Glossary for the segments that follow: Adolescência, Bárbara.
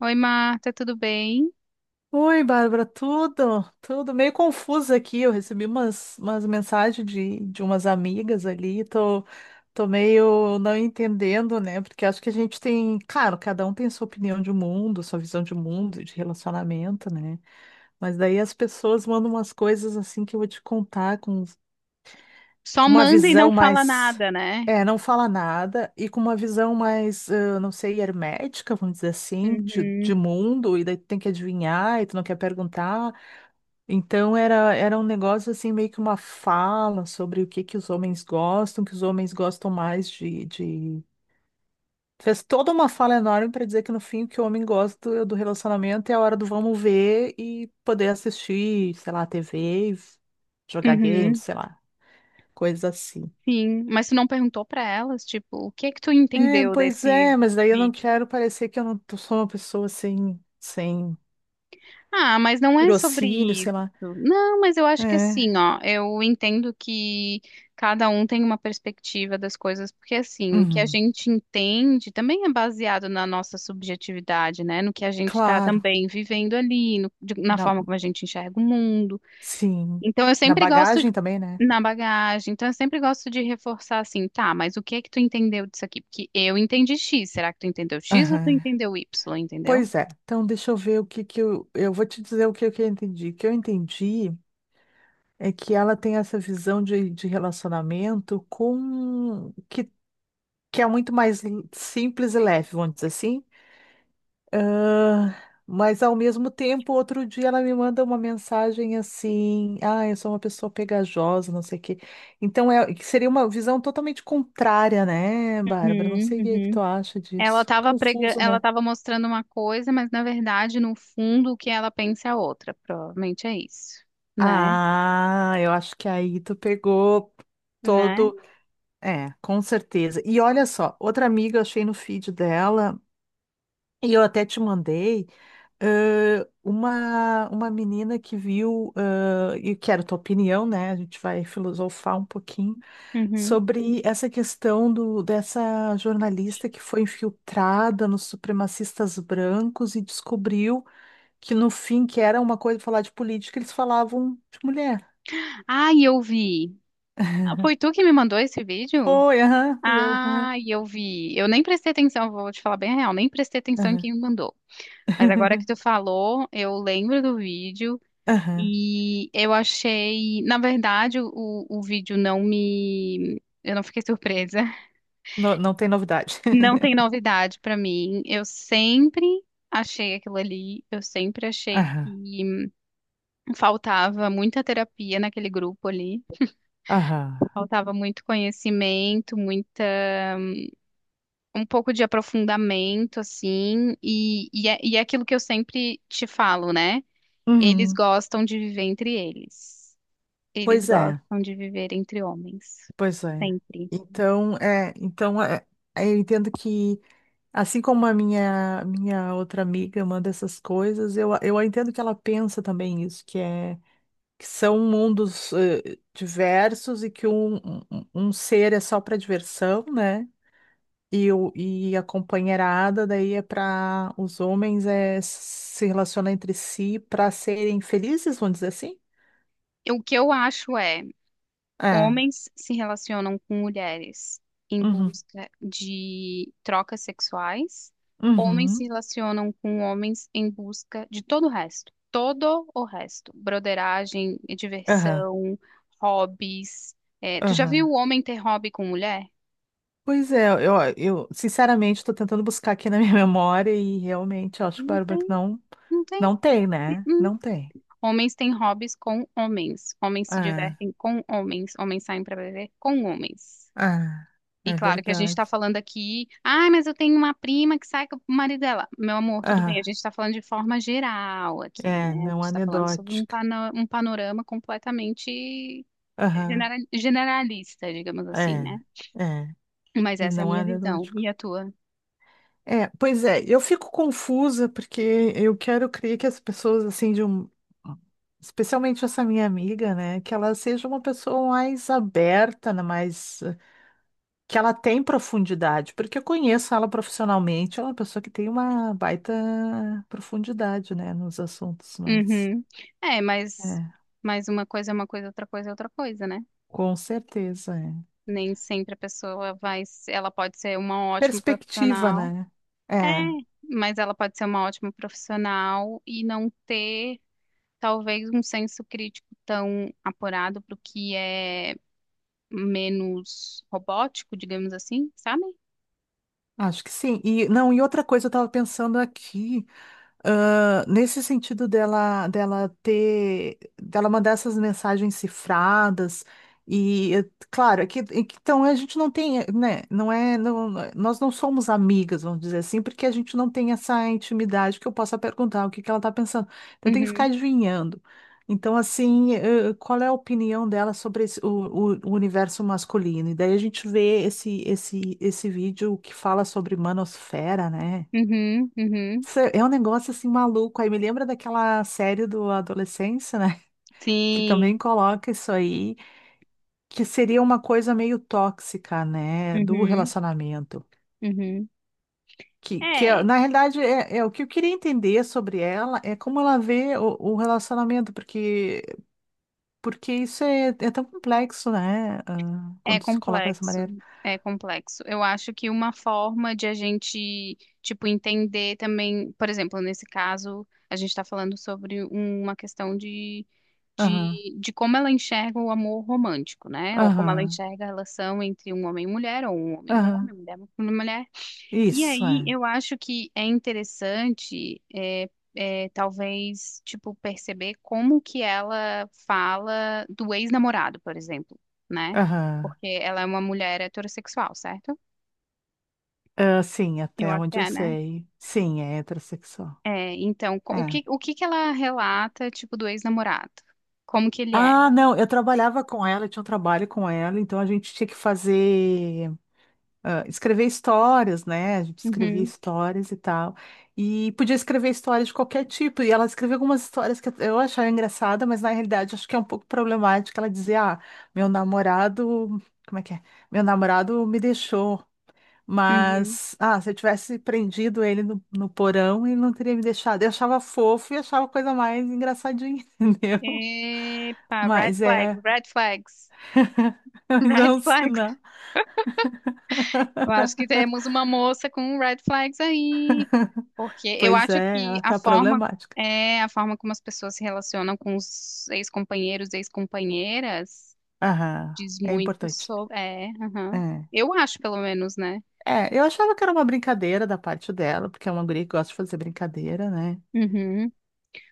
Oi, Marta, tudo bem? Oi, Bárbara, tudo meio confuso aqui. Eu recebi umas mensagens de umas amigas ali, tô meio não entendendo, né? Porque acho que a gente tem, claro, cada um tem sua opinião de mundo, sua visão de mundo, de relacionamento, né? Mas daí as pessoas mandam umas coisas assim que eu vou te contar Só com uma manda e não visão fala mais, nada, né? Não fala nada, e com uma visão mais, não sei, hermética, vamos dizer assim, de Uhum, mundo, e daí tu tem que adivinhar, e tu não quer perguntar. Então era um negócio assim, meio que uma fala sobre o que que os homens gostam, que os homens gostam mais de... Fez toda uma fala enorme para dizer que no fim o que o homem gosta do relacionamento é a hora do vamos ver e poder assistir, sei lá, TV, jogar games, uhum, sei lá, coisas assim. sim. Mas tu não perguntou pra elas, tipo, o que é que tu É, entendeu pois desse é, mas daí eu não vídeo? quero parecer que eu não tô- sou uma pessoa sem Ah, mas não é sobre tirocínio, sei isso. lá. Não, mas eu acho que É, assim, ó, eu entendo que cada um tem uma perspectiva das coisas, porque assim, o que a uhum, gente entende também é baseado na nossa subjetividade, né? No que a gente tá claro, também vivendo ali, na na, forma como a gente enxerga o mundo. sim, Então, eu na sempre gosto bagagem também, né? na bagagem. Então, eu sempre gosto de reforçar assim, tá, mas o que é que tu entendeu disso aqui? Porque eu entendi X. Será que tu entendeu X ou tu Aham. entendeu Y, entendeu? Pois é. Então, deixa eu ver o que que eu. Eu vou te dizer que eu entendi. O que eu entendi é que ela tem essa visão de relacionamento com. Que é muito mais simples e leve, vamos dizer assim. Ah, mas, ao mesmo tempo, outro dia ela me manda uma mensagem assim: Ah, eu sou uma pessoa pegajosa, não sei o quê. Então, é, que seria uma visão totalmente contrária, né, Bárbara? Não Uhum, sei o que que uhum. tu acha Ela disso. estava Confuso, ela né? estava mostrando uma coisa, mas na verdade, no fundo, o que ela pensa é outra. Provavelmente é isso, né? Ah, eu acho que aí tu pegou Né? todo. É, com certeza. E olha só, outra amiga eu achei no feed dela, e eu até te mandei, uma menina que viu, e quero tua opinião, né? A gente vai filosofar um pouquinho Uhum. sobre essa questão do, dessa jornalista que foi infiltrada nos supremacistas brancos e descobriu que no fim, que era uma coisa falar de política, eles falavam de mulher. Ai, eu vi. Foi tu que me mandou esse vídeo? Foi, aham, fui eu, aham, Ai, eu vi. Eu nem prestei atenção, vou te falar bem a real, nem prestei atenção em aham, quem me mandou. Mas agora que tu falou, eu lembro do vídeo. aham. E eu achei, na verdade, o vídeo não me. Eu não fiquei surpresa. Não tem novidade. Não tem novidade pra mim. Eu sempre achei aquilo ali. Eu sempre achei Aham, que faltava muita terapia naquele grupo ali. aham. Faltava muito conhecimento, muita, um pouco de aprofundamento, assim. E é aquilo que eu sempre te falo, né? Eles Uhum. gostam de viver entre eles. Eles Pois é, gostam de viver entre homens. pois é. Sempre. Então, é, então é, eu entendo que, assim como a minha outra amiga manda essas coisas, eu entendo que ela pensa também isso, que são mundos diversos e que um ser é só para diversão, né? E a companheirada daí é para os homens é se relacionar entre si para serem felizes, vamos dizer assim? O que eu acho é, É. homens se relacionam com mulheres em Uhum. busca de trocas sexuais, homens se Uhum. relacionam com homens em busca de todo o resto, broderagem, Aham. diversão, hobbies. É, tu já viu Aham. o homem ter hobby com mulher? Pois é, eu sinceramente estou tentando buscar aqui na minha memória e realmente eu acho, Não Bárbara, que tem, não, não tem. não tem, né? Hum. Não tem. Homens têm hobbies com homens, homens se Ah, divertem com homens, homens saem para beber com homens. ah, E é claro que a gente verdade. está falando aqui, ah, mas eu tenho uma prima que sai com o marido dela. Meu amor, tudo bem, a Ah, gente está falando de forma geral aqui, né? é, A não gente está falando sobre anedótica. Um panorama completamente Aham, generalista, digamos assim, né? é, é, Mas e essa é a não é minha visão anedótico. e a tua. É, pois é, eu fico confusa porque eu quero crer que as pessoas, assim, de um. Especialmente essa minha amiga, né? Que ela seja uma pessoa mais aberta, né, mais. Que ela tem profundidade, porque eu conheço ela profissionalmente, ela é uma pessoa que tem uma baita profundidade, né? Nos assuntos, mas. Uhum. É, É, mas uma coisa é uma coisa, outra coisa é outra coisa, né? com certeza, é. Nem sempre a pessoa vai, ela pode ser uma ótima Perspectiva, profissional. né? É, É, mas ela pode ser uma ótima profissional e não ter talvez um senso crítico tão apurado para o que é menos robótico, digamos assim, sabe? acho que sim. E, não, e outra coisa, eu estava pensando aqui. Ah, nesse sentido dela mandar essas mensagens cifradas e, eh, claro, então a gente não tem, nós não somos amigas, vamos dizer assim, porque a gente não tem essa intimidade que eu possa perguntar o que que ela está pensando. Então tem que ficar Uhum, adivinhando. Então, assim, qual é a opinião dela sobre o universo masculino? E daí a gente vê esse vídeo que fala sobre manosfera, né? uhum, uhum. É um negócio assim maluco. Aí me lembra daquela série do Adolescência, né? Que Sim, também coloca isso aí, que seria uma coisa meio tóxica, né? Do uhum, relacionamento. uhum. É, Na realidade, é o que eu queria entender sobre ela é como ela vê o relacionamento, porque, porque isso é tão complexo, né? Ah, é quando se coloca dessa complexo, maneira. é complexo. Eu acho que uma forma de a gente, tipo, entender também, por exemplo, nesse caso, a gente está falando sobre uma questão de Aham, de como ela enxerga o amor romântico, né? Ou como ela aham, enxerga a relação entre um homem e mulher, ou um homem e um aham. homem, mulher e mulher. E Isso aí é. eu acho que é interessante, talvez, tipo, perceber como que ela fala do ex-namorado, por exemplo, né? Aham. Porque ela é uma mulher heterossexual, certo? Ah, sim, Eu até acho que onde eu é, né? sei. Sim, é heterossexual. É, então, É. O que que ela relata, tipo, do ex-namorado? Como que ele era? Ah, não, eu trabalhava com ela, eu tinha um trabalho com ela, então a gente tinha que fazer, ah, escrever histórias, né? A gente escrevia Uhum, histórias e tal. E podia escrever histórias de qualquer tipo. E ela escreveu algumas histórias que eu achava engraçada, mas na realidade acho que é um pouco problemática. Ela dizia: Ah, meu namorado. Como é que é? Meu namorado me deixou. uhum. Mas, ah, se eu tivesse prendido ele no porão, ele não teria me deixado. Eu achava fofo e achava a coisa mais engraçadinha, entendeu? Epa, Mas é. red flags, Mas red não, se flags. Eu acho que temos uma moça com red flags aí, porque eu pois acho é, que ela a tá forma problemática. é a forma como as pessoas se relacionam com os ex-companheiros, ex-companheiras, Aham, diz é muito importante. sobre. É, aham. É. Eu acho, pelo menos, né? É, eu achava que era uma brincadeira da parte dela, porque é uma guria que gosta de fazer brincadeira, né? Uhum.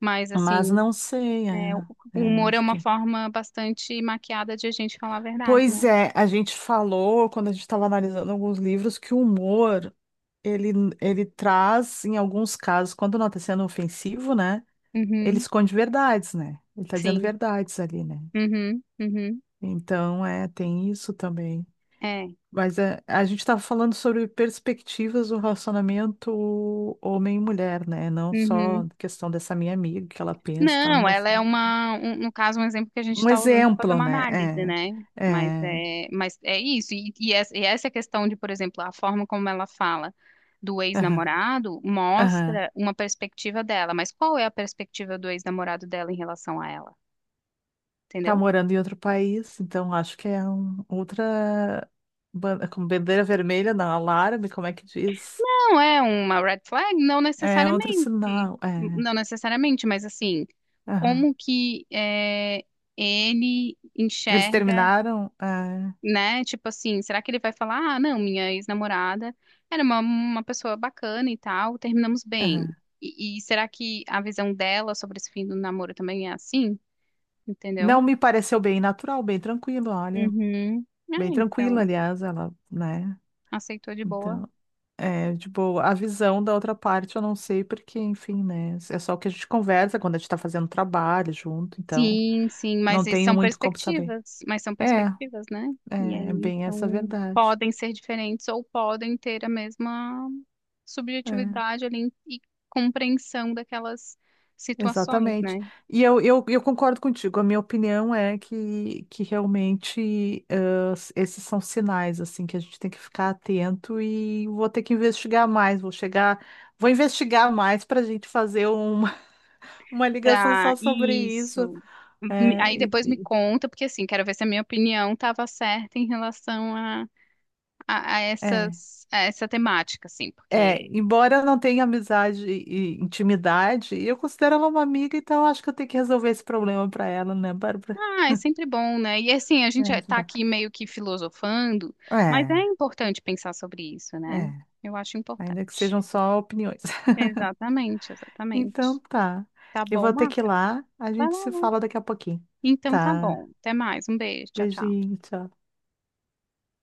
Mas Mas assim, não sei, é, o eu humor é acho uma que. forma bastante maquiada de a gente falar a verdade, né? Pois é, a gente falou, quando a gente estava analisando alguns livros, que o humor, ele, ele traz, em alguns casos, quando não está sendo ofensivo, né? Ele Uhum. esconde verdades, né? Ele está dizendo Sim. verdades ali, né? Uhum. Uhum. Então, é, tem isso também. É. Mas é, a gente estava falando sobre perspectivas do relacionamento homem e mulher, né? Não Uhum. só questão dessa minha amiga, que ela pensa, que ela me Não, ela é mostrou. uma, no caso, um exemplo que a gente Um está usando para fazer exemplo, uma né? análise, né? É, Mas é isso. E essa e essa questão de, por exemplo, a forma como ela fala do aham, ex-namorado aham. mostra uma perspectiva dela. Mas qual é a perspectiva do ex-namorado dela em relação a ela? Tá Entendeu? morando em outro país, então acho que é outra, como bandeira vermelha, não, alarme, como é que diz? Não é uma red flag? Não É outro necessariamente. sinal, é, Não necessariamente, mas assim, aham. como que é, ele Eles enxerga. terminaram, é, Né? Tipo assim, será que ele vai falar, ah, não, minha ex-namorada era uma pessoa bacana e tal, terminamos bem. aham. E será que a visão dela sobre esse fim do namoro também é assim? Entendeu? Não me pareceu bem natural, bem tranquilo, olha. Uhum. Ah, Bem tranquila, então, aliás, ela, né? aceitou de boa. Então, é, tipo, a visão da outra parte eu não sei, porque, enfim, né? É só o que a gente conversa quando a gente tá fazendo trabalho junto, então Sim, sim, mas não isso tenho são muito como saber. perspectivas, mas são É, perspectivas, né? E é aí, bem essa a então, verdade. podem ser diferentes ou podem ter a mesma É, subjetividade ali e compreensão daquelas situações, exatamente. né? E eu concordo contigo, a minha opinião é que realmente esses são sinais, assim, que a gente tem que ficar atento e vou ter que investigar mais, vou chegar, vou investigar mais para a gente fazer um uma ligação Tá, só sobre isso. isso. Me- É, Aí e- depois me e- conta, porque assim, quero ver se a minha opinião estava certa em relação a é, essas, a essa temática, assim, é, porque embora eu não tenha amizade e intimidade, eu considero ela uma amiga, então acho que eu tenho que resolver esse problema para ela, né, Bárbara? ah, é sempre bom, né? E assim, a gente É, tá ajudar. aqui meio que filosofando, mas é É, importante pensar sobre isso, né? é, Eu acho ainda que sejam importante. só opiniões. Exatamente, exatamente. Então tá. Tá Eu bom, vou ter que ir Marta? lá, a Vai gente se lá. fala daqui a pouquinho. Então tá Tá. bom. Até mais. Um beijo. Tchau, tchau. Beijinho, tchau.